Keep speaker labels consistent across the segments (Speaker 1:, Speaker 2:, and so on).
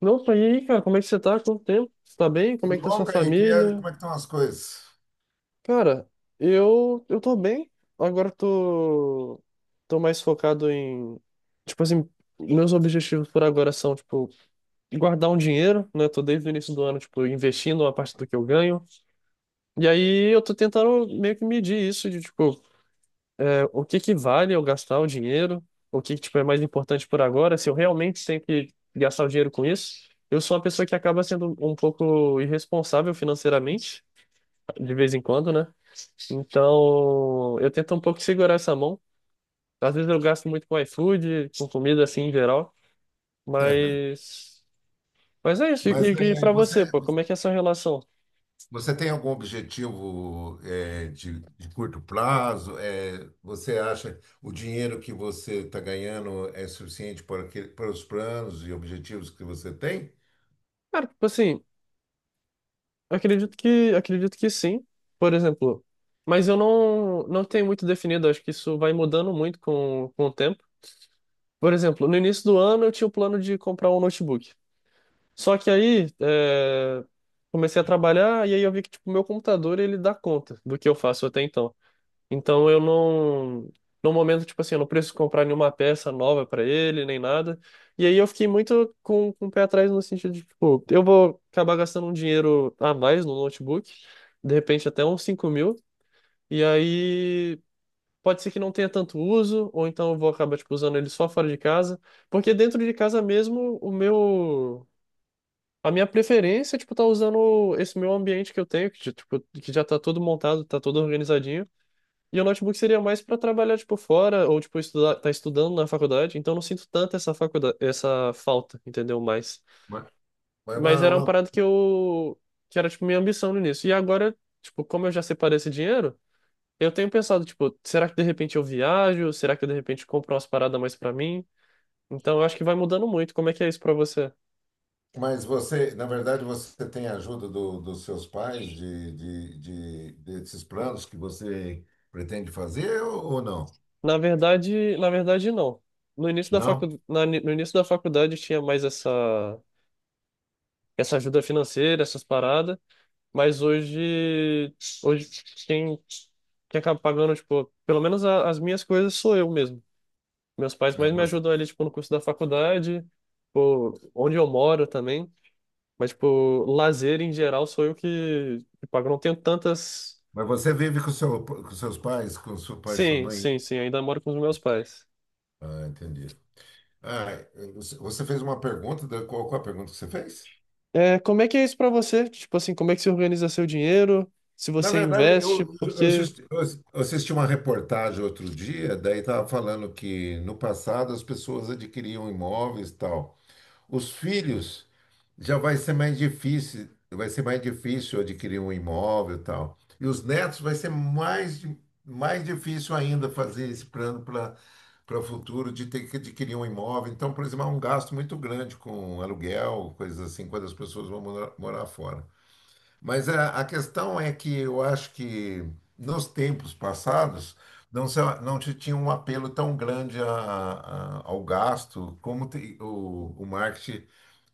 Speaker 1: Opa, e aí, cara, como é que você tá? Quanto tempo? Você tá bem? Como é
Speaker 2: Tudo
Speaker 1: que tá
Speaker 2: bom,
Speaker 1: sua
Speaker 2: Kaique? E aí,
Speaker 1: família?
Speaker 2: como é que estão as coisas?
Speaker 1: Cara, eu tô bem. Agora eu tô mais focado em, tipo assim, meus objetivos por agora são, tipo, guardar um dinheiro, né? Tô desde o início do ano, tipo, investindo uma parte do que eu ganho. E aí eu tô tentando meio que medir isso de, tipo, o que que vale eu gastar o dinheiro? O que que, tipo, é mais importante por agora? Se eu realmente tenho que gastar o dinheiro com isso? Eu sou uma pessoa que acaba sendo um pouco irresponsável financeiramente, de vez em quando, né? Então, eu tento um pouco segurar essa mão. Às vezes eu gasto muito com iFood, com comida assim em geral, mas mas é isso. E,
Speaker 2: Mas
Speaker 1: e
Speaker 2: é,
Speaker 1: para
Speaker 2: você,
Speaker 1: você, pô, como
Speaker 2: você,
Speaker 1: é que é a sua relação?
Speaker 2: você tem algum objetivo de curto prazo? É, você acha o dinheiro que você está ganhando é suficiente para, para os planos e objetivos que você tem?
Speaker 1: Cara, tipo assim, acredito que sim, por exemplo. Mas eu não tenho muito definido, acho que isso vai mudando muito com o tempo. Por exemplo, no início do ano eu tinha o plano de comprar um notebook. Só que aí comecei a trabalhar e aí eu vi que tipo, meu computador ele dá conta do que eu faço até então. Então eu não, no momento, tipo assim, eu não preciso comprar nenhuma peça nova para ele, nem nada. E aí eu fiquei muito com o pé atrás no sentido de, tipo, eu vou acabar gastando um dinheiro a mais no notebook, de repente até uns 5 mil, e aí pode ser que não tenha tanto uso, ou então eu vou acabar, tipo, usando ele só fora de casa, porque dentro de casa mesmo, a minha preferência é, tipo, tá usando esse meu ambiente que eu tenho, que, tipo, que já tá todo montado, tá todo organizadinho, e o notebook seria mais para trabalhar, tipo, fora ou, tipo, estudar, tá estudando na faculdade. Então, eu não sinto tanto essa falta, entendeu? Mais.
Speaker 2: Ma- Mas,
Speaker 1: Mas
Speaker 2: ma-
Speaker 1: era uma
Speaker 2: ma-
Speaker 1: parada que era, tipo, minha ambição no início. E agora, tipo, como eu já separei esse dinheiro, eu tenho pensado, tipo, será que de repente eu viajo? Será que eu, de repente compro umas paradas mais para mim? Então, eu acho que vai mudando muito. Como é que é isso para você?
Speaker 2: mas você, na verdade, você tem a ajuda dos seus pais desses planos que você pretende fazer ou não?
Speaker 1: Na verdade, não. No início da
Speaker 2: Não?
Speaker 1: facu... na- No início da faculdade tinha mais essa ajuda financeira, essas paradas. Mas hoje, hoje quem, quem acaba pagando, tipo, pelo menos as minhas coisas sou eu mesmo. Meus pais
Speaker 2: É,
Speaker 1: mais me
Speaker 2: você-
Speaker 1: ajudam ali, tipo, no curso da faculdade, tipo, onde eu moro também. Mas, tipo, lazer em geral sou eu que pago. Eu não tenho tantas.
Speaker 2: Mas você vive com, seu, com seus pais, com seu pai e sua
Speaker 1: Sim,
Speaker 2: mãe?
Speaker 1: sim, sim, ainda moro com os meus pais.
Speaker 2: Ah, entendi. Ah, você fez uma pergunta, qual, qual a pergunta que você fez?
Speaker 1: É, como é que é isso pra você? Tipo assim, como é que você organiza seu dinheiro? Se
Speaker 2: Na
Speaker 1: você
Speaker 2: verdade,
Speaker 1: investe,
Speaker 2: eu
Speaker 1: porque.
Speaker 2: assisti, eu assisti uma reportagem outro dia, daí estava falando que no passado as pessoas adquiriam imóveis e tal. Os filhos já vai ser mais difícil, vai ser mais difícil adquirir um imóvel e tal. E os netos vai ser mais, mais difícil ainda fazer esse plano para para o futuro de ter que adquirir um imóvel. Então, por exemplo, há um gasto muito grande com aluguel, coisas assim, quando as pessoas vão morar, morar fora. Mas a questão é que eu acho que nos tempos passados não, não se tinha um apelo tão grande ao gasto como o marketing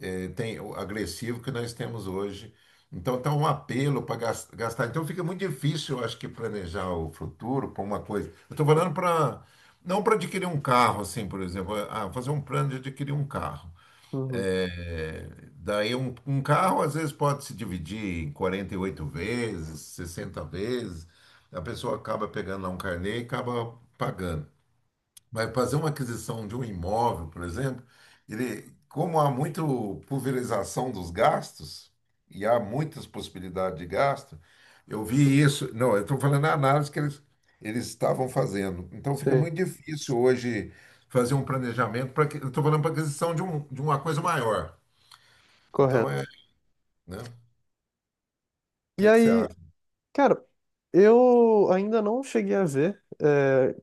Speaker 2: tem o agressivo que nós temos hoje. Então, está um apelo para gastar. Então, fica muito difícil, eu acho que, planejar o futuro para uma coisa. Eu estou falando para. Não para adquirir um carro, assim, por exemplo. Ah, fazer um plano de adquirir um carro.
Speaker 1: Uhum,
Speaker 2: É, daí, um carro, às vezes, pode se dividir em 48 vezes, 60 vezes. A pessoa acaba pegando lá um carnê e acaba pagando vai fazer uma aquisição de um imóvel, por exemplo, ele, como há muita pulverização dos gastos, e há muitas possibilidades de gasto, eu vi isso. Não, eu estou falando a análise que eles estavam fazendo. Então fica
Speaker 1: sim,
Speaker 2: muito difícil hoje fazer um planejamento para que. Eu estou falando para aquisição de, um, de uma coisa maior. Então
Speaker 1: correto.
Speaker 2: é, né? O
Speaker 1: E
Speaker 2: que que você
Speaker 1: aí,
Speaker 2: acha?
Speaker 1: cara, eu ainda não cheguei a ver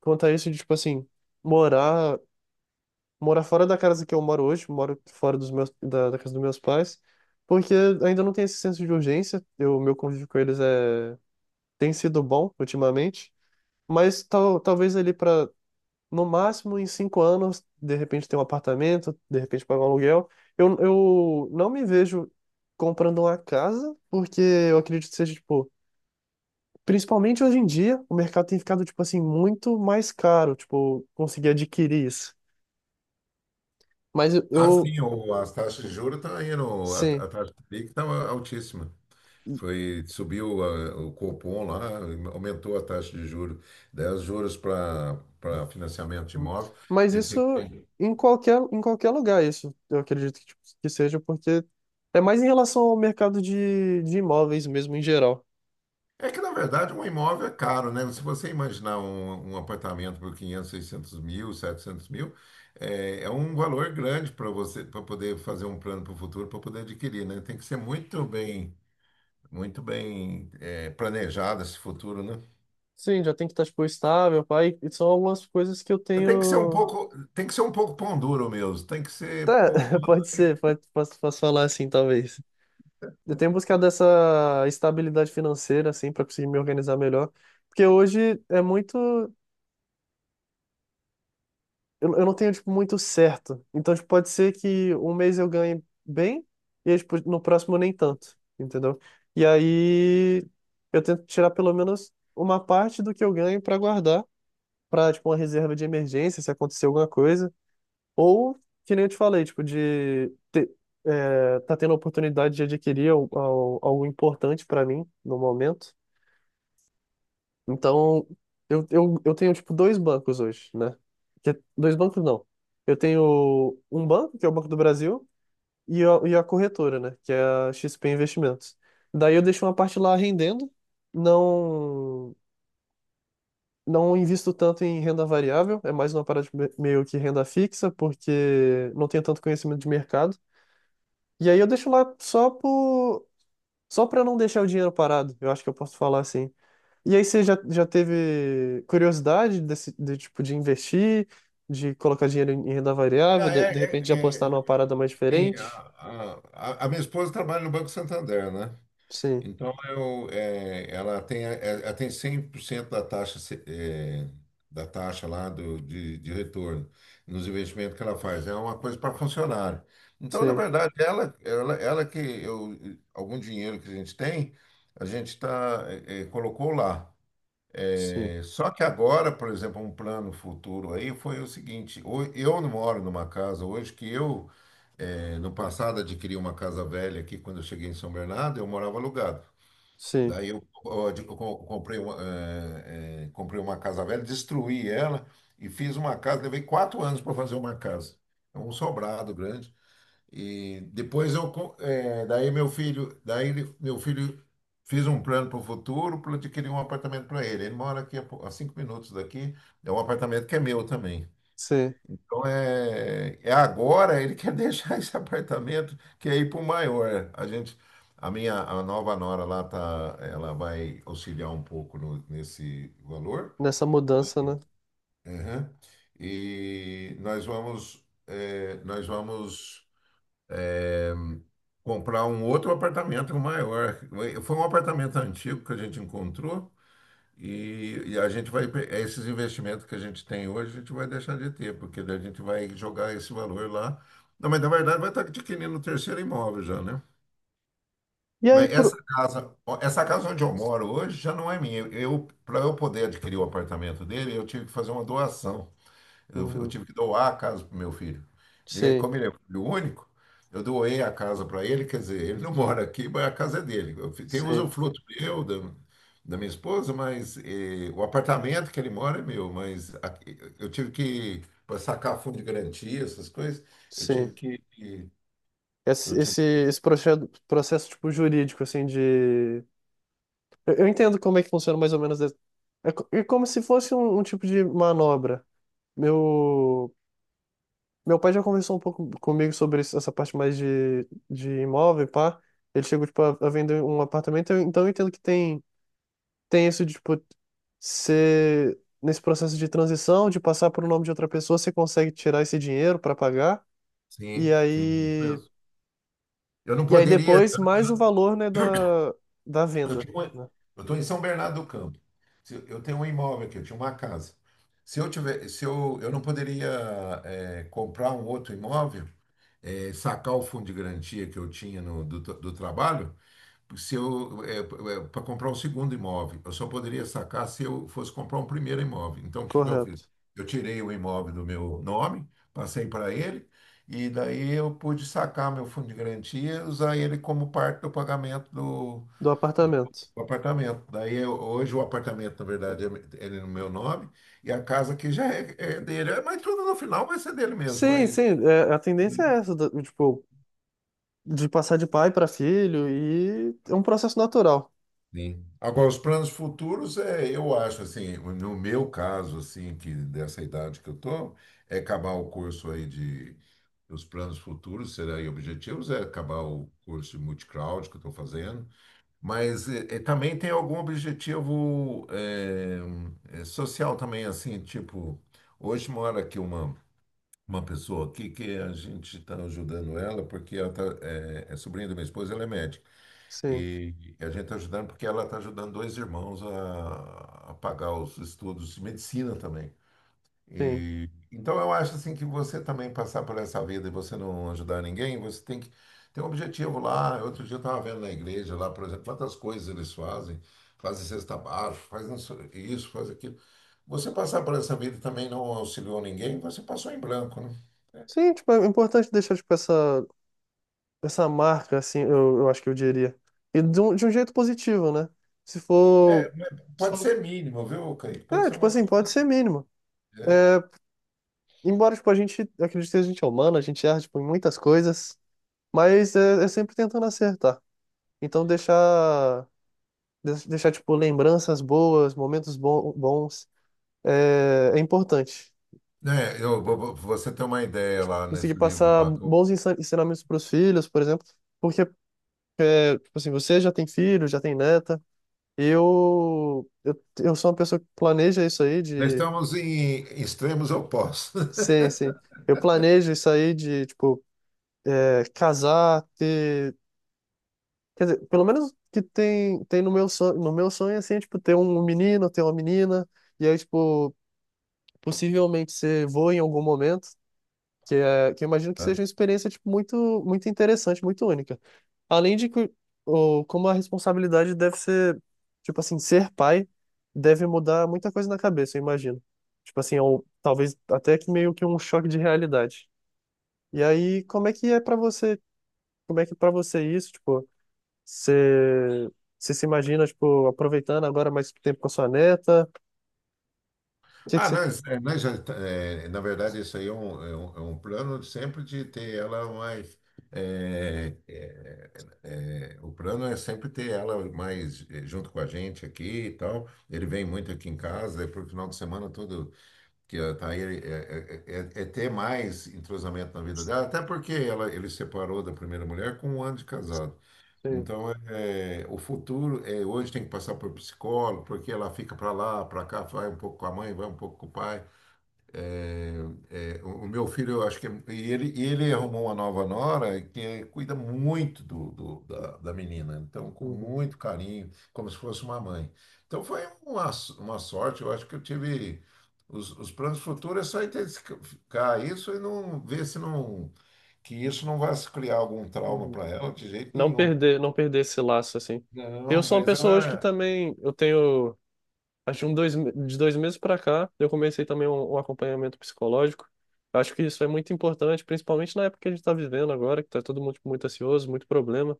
Speaker 1: quanto a isso de, tipo assim, morar, morar fora da casa que eu moro hoje, moro fora da casa dos meus pais, porque ainda não tem esse senso de urgência. Meu convívio com eles é, tem sido bom ultimamente, mas talvez ali para, no máximo, em 5 anos, de repente ter um apartamento, de repente pagar um aluguel. Eu não me vejo comprando uma casa, porque eu acredito que seja, tipo, principalmente hoje em dia, o mercado tem ficado, tipo assim, muito mais caro, tipo, conseguir adquirir isso. Mas eu,
Speaker 2: Ah,
Speaker 1: eu-
Speaker 2: sim, as taxas de juros estão indo,
Speaker 1: sim.
Speaker 2: a taxa de PIB está altíssima. Foi, subiu o Copom lá, aumentou a taxa de juros, 10 juros para para financiamento de imóvel.
Speaker 1: Mas
Speaker 2: Ele fica-
Speaker 1: isso em qualquer lugar, isso eu acredito que, tipo, que seja, porque é mais em relação ao mercado de imóveis mesmo em geral.
Speaker 2: É que, na verdade, um imóvel é caro, né? Se você imaginar um, um apartamento por 500, 600 mil, 700 mil, é, é um valor grande para você, para poder fazer um plano para o futuro, para poder adquirir, né? Tem que ser muito bem, é, planejado esse futuro, né?
Speaker 1: Sim, já tem que estar, tipo, estável, pai. E são algumas coisas que eu
Speaker 2: Você tem que ser um
Speaker 1: tenho.
Speaker 2: pouco, tem que ser um pouco pão duro mesmo, tem que ser
Speaker 1: Tá,
Speaker 2: poupado.
Speaker 1: pode ser, posso falar assim, talvez. Eu tenho buscado essa estabilidade financeira, assim, para conseguir me organizar melhor, porque hoje é muito. Eu não tenho, tipo, muito certo. Então, tipo, pode ser que um mês eu ganhe bem e, aí, tipo, no próximo nem tanto, entendeu? E aí eu tento tirar pelo menos uma parte do que eu ganho para guardar, para, tipo, uma reserva de emergência, se acontecer alguma coisa. Ou, que nem eu te falei, tipo, tá tendo a oportunidade de adquirir algo importante para mim no momento. Então, eu tenho, tipo, dois bancos hoje, né? Dois bancos não. Eu tenho um banco, que é o Banco do Brasil, e a corretora, né? Que é a XP Investimentos. Daí eu deixo uma parte lá rendendo, não, não invisto tanto em renda variável, é mais uma parada de meio que renda fixa, porque não tenho tanto conhecimento de mercado. E aí eu deixo lá só para não deixar o dinheiro parado. Eu acho que eu posso falar assim. E aí você já teve curiosidade desse de, tipo de investir, de colocar dinheiro em renda
Speaker 2: É,
Speaker 1: variável, de repente de apostar
Speaker 2: é, é,
Speaker 1: numa parada mais
Speaker 2: Sim, a,
Speaker 1: diferente?
Speaker 2: a a minha esposa trabalha no Banco Santander, né?
Speaker 1: Sim,
Speaker 2: Então, eu, é, ela tem 100% da taxa, é, da taxa lá do, de retorno nos investimentos que ela faz. É uma coisa para funcionário. Então, na
Speaker 1: sim,
Speaker 2: verdade, ela que eu, algum dinheiro que a gente tem, a gente tá, é, é, colocou lá.
Speaker 1: sim,
Speaker 2: É, só que agora, por exemplo, um plano futuro aí foi o seguinte: eu não moro numa casa hoje que eu, eh, no passado, adquiri uma casa velha aqui quando eu cheguei em São Bernardo, eu morava alugado.
Speaker 1: sim,
Speaker 2: Daí eu, ó, eu comprei uma, comprei uma casa velha, destruí ela e fiz uma casa. Levei 4 anos para fazer uma casa. É um sobrado grande. E depois eu, daí meu filho, meu filho fez um plano para o futuro, para eu adquirir um apartamento para ele. Ele mora aqui a, a 5 minutos daqui, é um apartamento que é meu também.
Speaker 1: sim.
Speaker 2: Então é, é agora ele quer deixar esse apartamento que é ir para o maior. A gente, a minha, a nova nora lá tá, ela vai auxiliar um pouco nesse valor.
Speaker 1: Nessa mudança, né?
Speaker 2: Uhum. E nós vamos, nós vamos é, comprar um outro apartamento maior. Foi um apartamento antigo que a gente encontrou e a gente vai, esses investimentos que a gente tem hoje, a gente vai deixar de ter, porque daí a gente vai jogar esse valor lá. Não, mas na verdade vai estar adquirindo o terceiro imóvel já, né?
Speaker 1: E aí
Speaker 2: Mas
Speaker 1: por...
Speaker 2: essa casa, ó, essa casa onde eu moro hoje já não é minha. Eu, para eu poder adquirir o apartamento dele, eu tive que fazer uma doação. Eu
Speaker 1: Uhum.
Speaker 2: tive que doar a casa para meu filho. E
Speaker 1: Sim,
Speaker 2: como ele é filho único, eu doei a casa para ele, quer dizer, ele não mora aqui, mas a casa é dele. Tem
Speaker 1: sim,
Speaker 2: usufruto meu, da, da minha esposa, mas eh, o apartamento que ele mora é meu, mas eu tive que, para sacar fundo de garantia, essas coisas, eu tive
Speaker 1: sim.
Speaker 2: que. que-
Speaker 1: Esse,
Speaker 2: eu tive,
Speaker 1: esse, esse processo tipo jurídico assim de eu entendo como é que funciona mais ou menos. É como se fosse um tipo de manobra. Meu, meu pai já conversou um pouco comigo sobre essa parte mais de imóvel, pá. Ele chegou, tipo, a vender um apartamento, então eu entendo que tem isso de, tipo, ser nesse processo de transição, de passar por o nome de outra pessoa, você consegue tirar esse dinheiro para pagar, e
Speaker 2: sim, sim, isso
Speaker 1: aí,
Speaker 2: mesmo. Eu não
Speaker 1: e aí
Speaker 2: poderia.
Speaker 1: depois mais o valor, né, da
Speaker 2: Eu
Speaker 1: venda,
Speaker 2: tinha uma-
Speaker 1: né?
Speaker 2: eu estou em São Bernardo do Campo. Eu tenho um imóvel aqui, eu tinha uma casa. Se eu tiver, se eu, eu não poderia comprar um outro imóvel, sacar o fundo de garantia que eu tinha no, do, do trabalho, se eu para comprar um segundo imóvel, eu só poderia sacar se eu fosse comprar um primeiro imóvel. Então, o que que eu fiz?
Speaker 1: Correto.
Speaker 2: Eu tirei o imóvel do meu nome, passei para ele e daí eu pude sacar meu fundo de garantia, e usar ele como parte do pagamento
Speaker 1: Do apartamento.
Speaker 2: o apartamento. Hoje o apartamento, na verdade, ele é no meu nome e a casa aqui já é, é dele. É, mas tudo no final vai ser dele mesmo.
Speaker 1: Sim, sim,
Speaker 2: Mas
Speaker 1: é, a tendência é essa, tipo, de passar de pai para filho e é um processo natural.
Speaker 2: sim. Agora os planos futuros é, eu acho assim, no meu caso assim, que dessa idade que eu tô, é acabar o curso aí de os planos futuros será e objetivos é acabar o curso de multicloud que eu estou fazendo. Mas também tem algum objetivo social também, assim, tipo, hoje mora aqui uma pessoa aqui que a gente está ajudando ela, porque ela tá, é, sobrinha da minha esposa, ela é médica.
Speaker 1: Sim,
Speaker 2: E a gente está ajudando porque ela está ajudando dois irmãos a pagar os estudos de medicina também.
Speaker 1: sim.
Speaker 2: E, então eu acho assim que você também passar por essa vida e você não ajudar ninguém, você tem que ter um objetivo lá. Outro dia eu estava vendo na igreja lá, por exemplo, quantas coisas eles fazem, fazem cesta básica, fazem isso, isso, faz aquilo. Você passar por essa vida e também não auxiliou ninguém, você passou em branco, né?
Speaker 1: Sim, tipo, é importante deixar, tipo, essa marca, assim, eu acho que eu diria. E de um jeito positivo, né? Se for,
Speaker 2: É, mas
Speaker 1: se
Speaker 2: pode
Speaker 1: for,
Speaker 2: ser mínimo, viu, Kaique? Pode
Speaker 1: é,
Speaker 2: ser
Speaker 1: tipo
Speaker 2: uma
Speaker 1: assim, pode
Speaker 2: coisa.
Speaker 1: ser mínimo.
Speaker 2: É.
Speaker 1: É, embora, tipo, eu acredito que a gente é humano, a gente erra, tipo, em muitas coisas, mas é sempre tentando acertar. Então, deixar, tipo, lembranças boas, momentos bons, é importante.
Speaker 2: Né, eu, você tem uma ideia lá
Speaker 1: Conseguir
Speaker 2: nesse livro
Speaker 1: passar
Speaker 2: lá.
Speaker 1: bons ensinamentos para os filhos, por exemplo, porque, é, tipo assim, você já tem filho, já tem neta, eu sou uma pessoa que planeja isso aí
Speaker 2: Nós
Speaker 1: de...
Speaker 2: estamos em extremos opostos.
Speaker 1: Sim, sim. Eu planejo isso aí de, tipo, é, casar, ter... Quer dizer, pelo menos que tem no meu sonho, assim, é, tipo, ter um menino, ter uma menina, e aí, tipo, possivelmente ser vô em algum momento, que eu imagino que seja uma experiência tipo, muito, muito interessante, muito única. Além de que como a responsabilidade deve ser, tipo assim, ser pai deve mudar muita coisa na cabeça, eu imagino. Tipo assim, talvez até que meio que um choque de realidade. E aí, como é que para você isso, tipo, você, você se imagina, tipo, aproveitando agora mais tempo com a sua neta? O que que
Speaker 2: Ah,
Speaker 1: você...
Speaker 2: nós, é, nós já, é, na verdade, isso aí é um, é um, é um plano sempre de ter ela mais. é, é, é, o plano é sempre ter ela mais eh, junto com a gente aqui e tal. Ele vem muito aqui em casa, daí pro final de semana todo que ela tá aí, é ter mais entrosamento na vida dela, até porque ela, ele separou da primeira mulher com um ano de casado.
Speaker 1: Sim.
Speaker 2: Então, é, o futuro é hoje tem que passar por psicólogo, porque ela fica para lá, para cá, vai um pouco com a mãe, vai um pouco com o pai. É, é, o meu filho, eu acho que e ele arrumou uma nova nora que é, cuida muito do, da, da menina, então com
Speaker 1: Uhum,
Speaker 2: muito carinho, como se fosse uma mãe. Então foi uma, uma sorte, eu acho que eu tive os planos futuros é só intensificar isso e não ver se não que isso não vai criar algum trauma
Speaker 1: uhum.
Speaker 2: para ela de jeito
Speaker 1: não
Speaker 2: nenhum.
Speaker 1: perder, não perder esse laço, assim. Eu
Speaker 2: Não,
Speaker 1: sou uma
Speaker 2: mas
Speaker 1: pessoa hoje
Speaker 2: ela.
Speaker 1: que
Speaker 2: É.
Speaker 1: também, eu tenho, acho que de 2 meses pra cá, eu comecei também um acompanhamento psicológico. Eu acho que isso é muito importante, principalmente na época que a gente tá vivendo agora, que tá todo mundo tipo, muito ansioso, muito problema.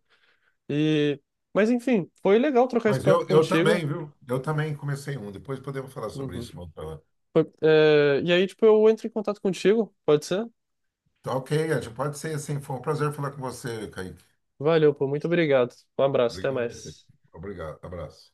Speaker 1: E, mas enfim, foi legal trocar esse
Speaker 2: Mas
Speaker 1: papo
Speaker 2: eu
Speaker 1: contigo.
Speaker 2: também, viu? Eu também comecei um. Depois podemos falar sobre
Speaker 1: Uhum.
Speaker 2: isso, uma outra hora.
Speaker 1: E aí, tipo, eu entro em contato contigo, pode ser?
Speaker 2: Tá, ok, Ed, pode ser assim. Foi um prazer falar com você, Kaique.
Speaker 1: Valeu, pô, muito obrigado. Um abraço, até
Speaker 2: Obrigado a você.
Speaker 1: mais.
Speaker 2: Obrigado. Abraço.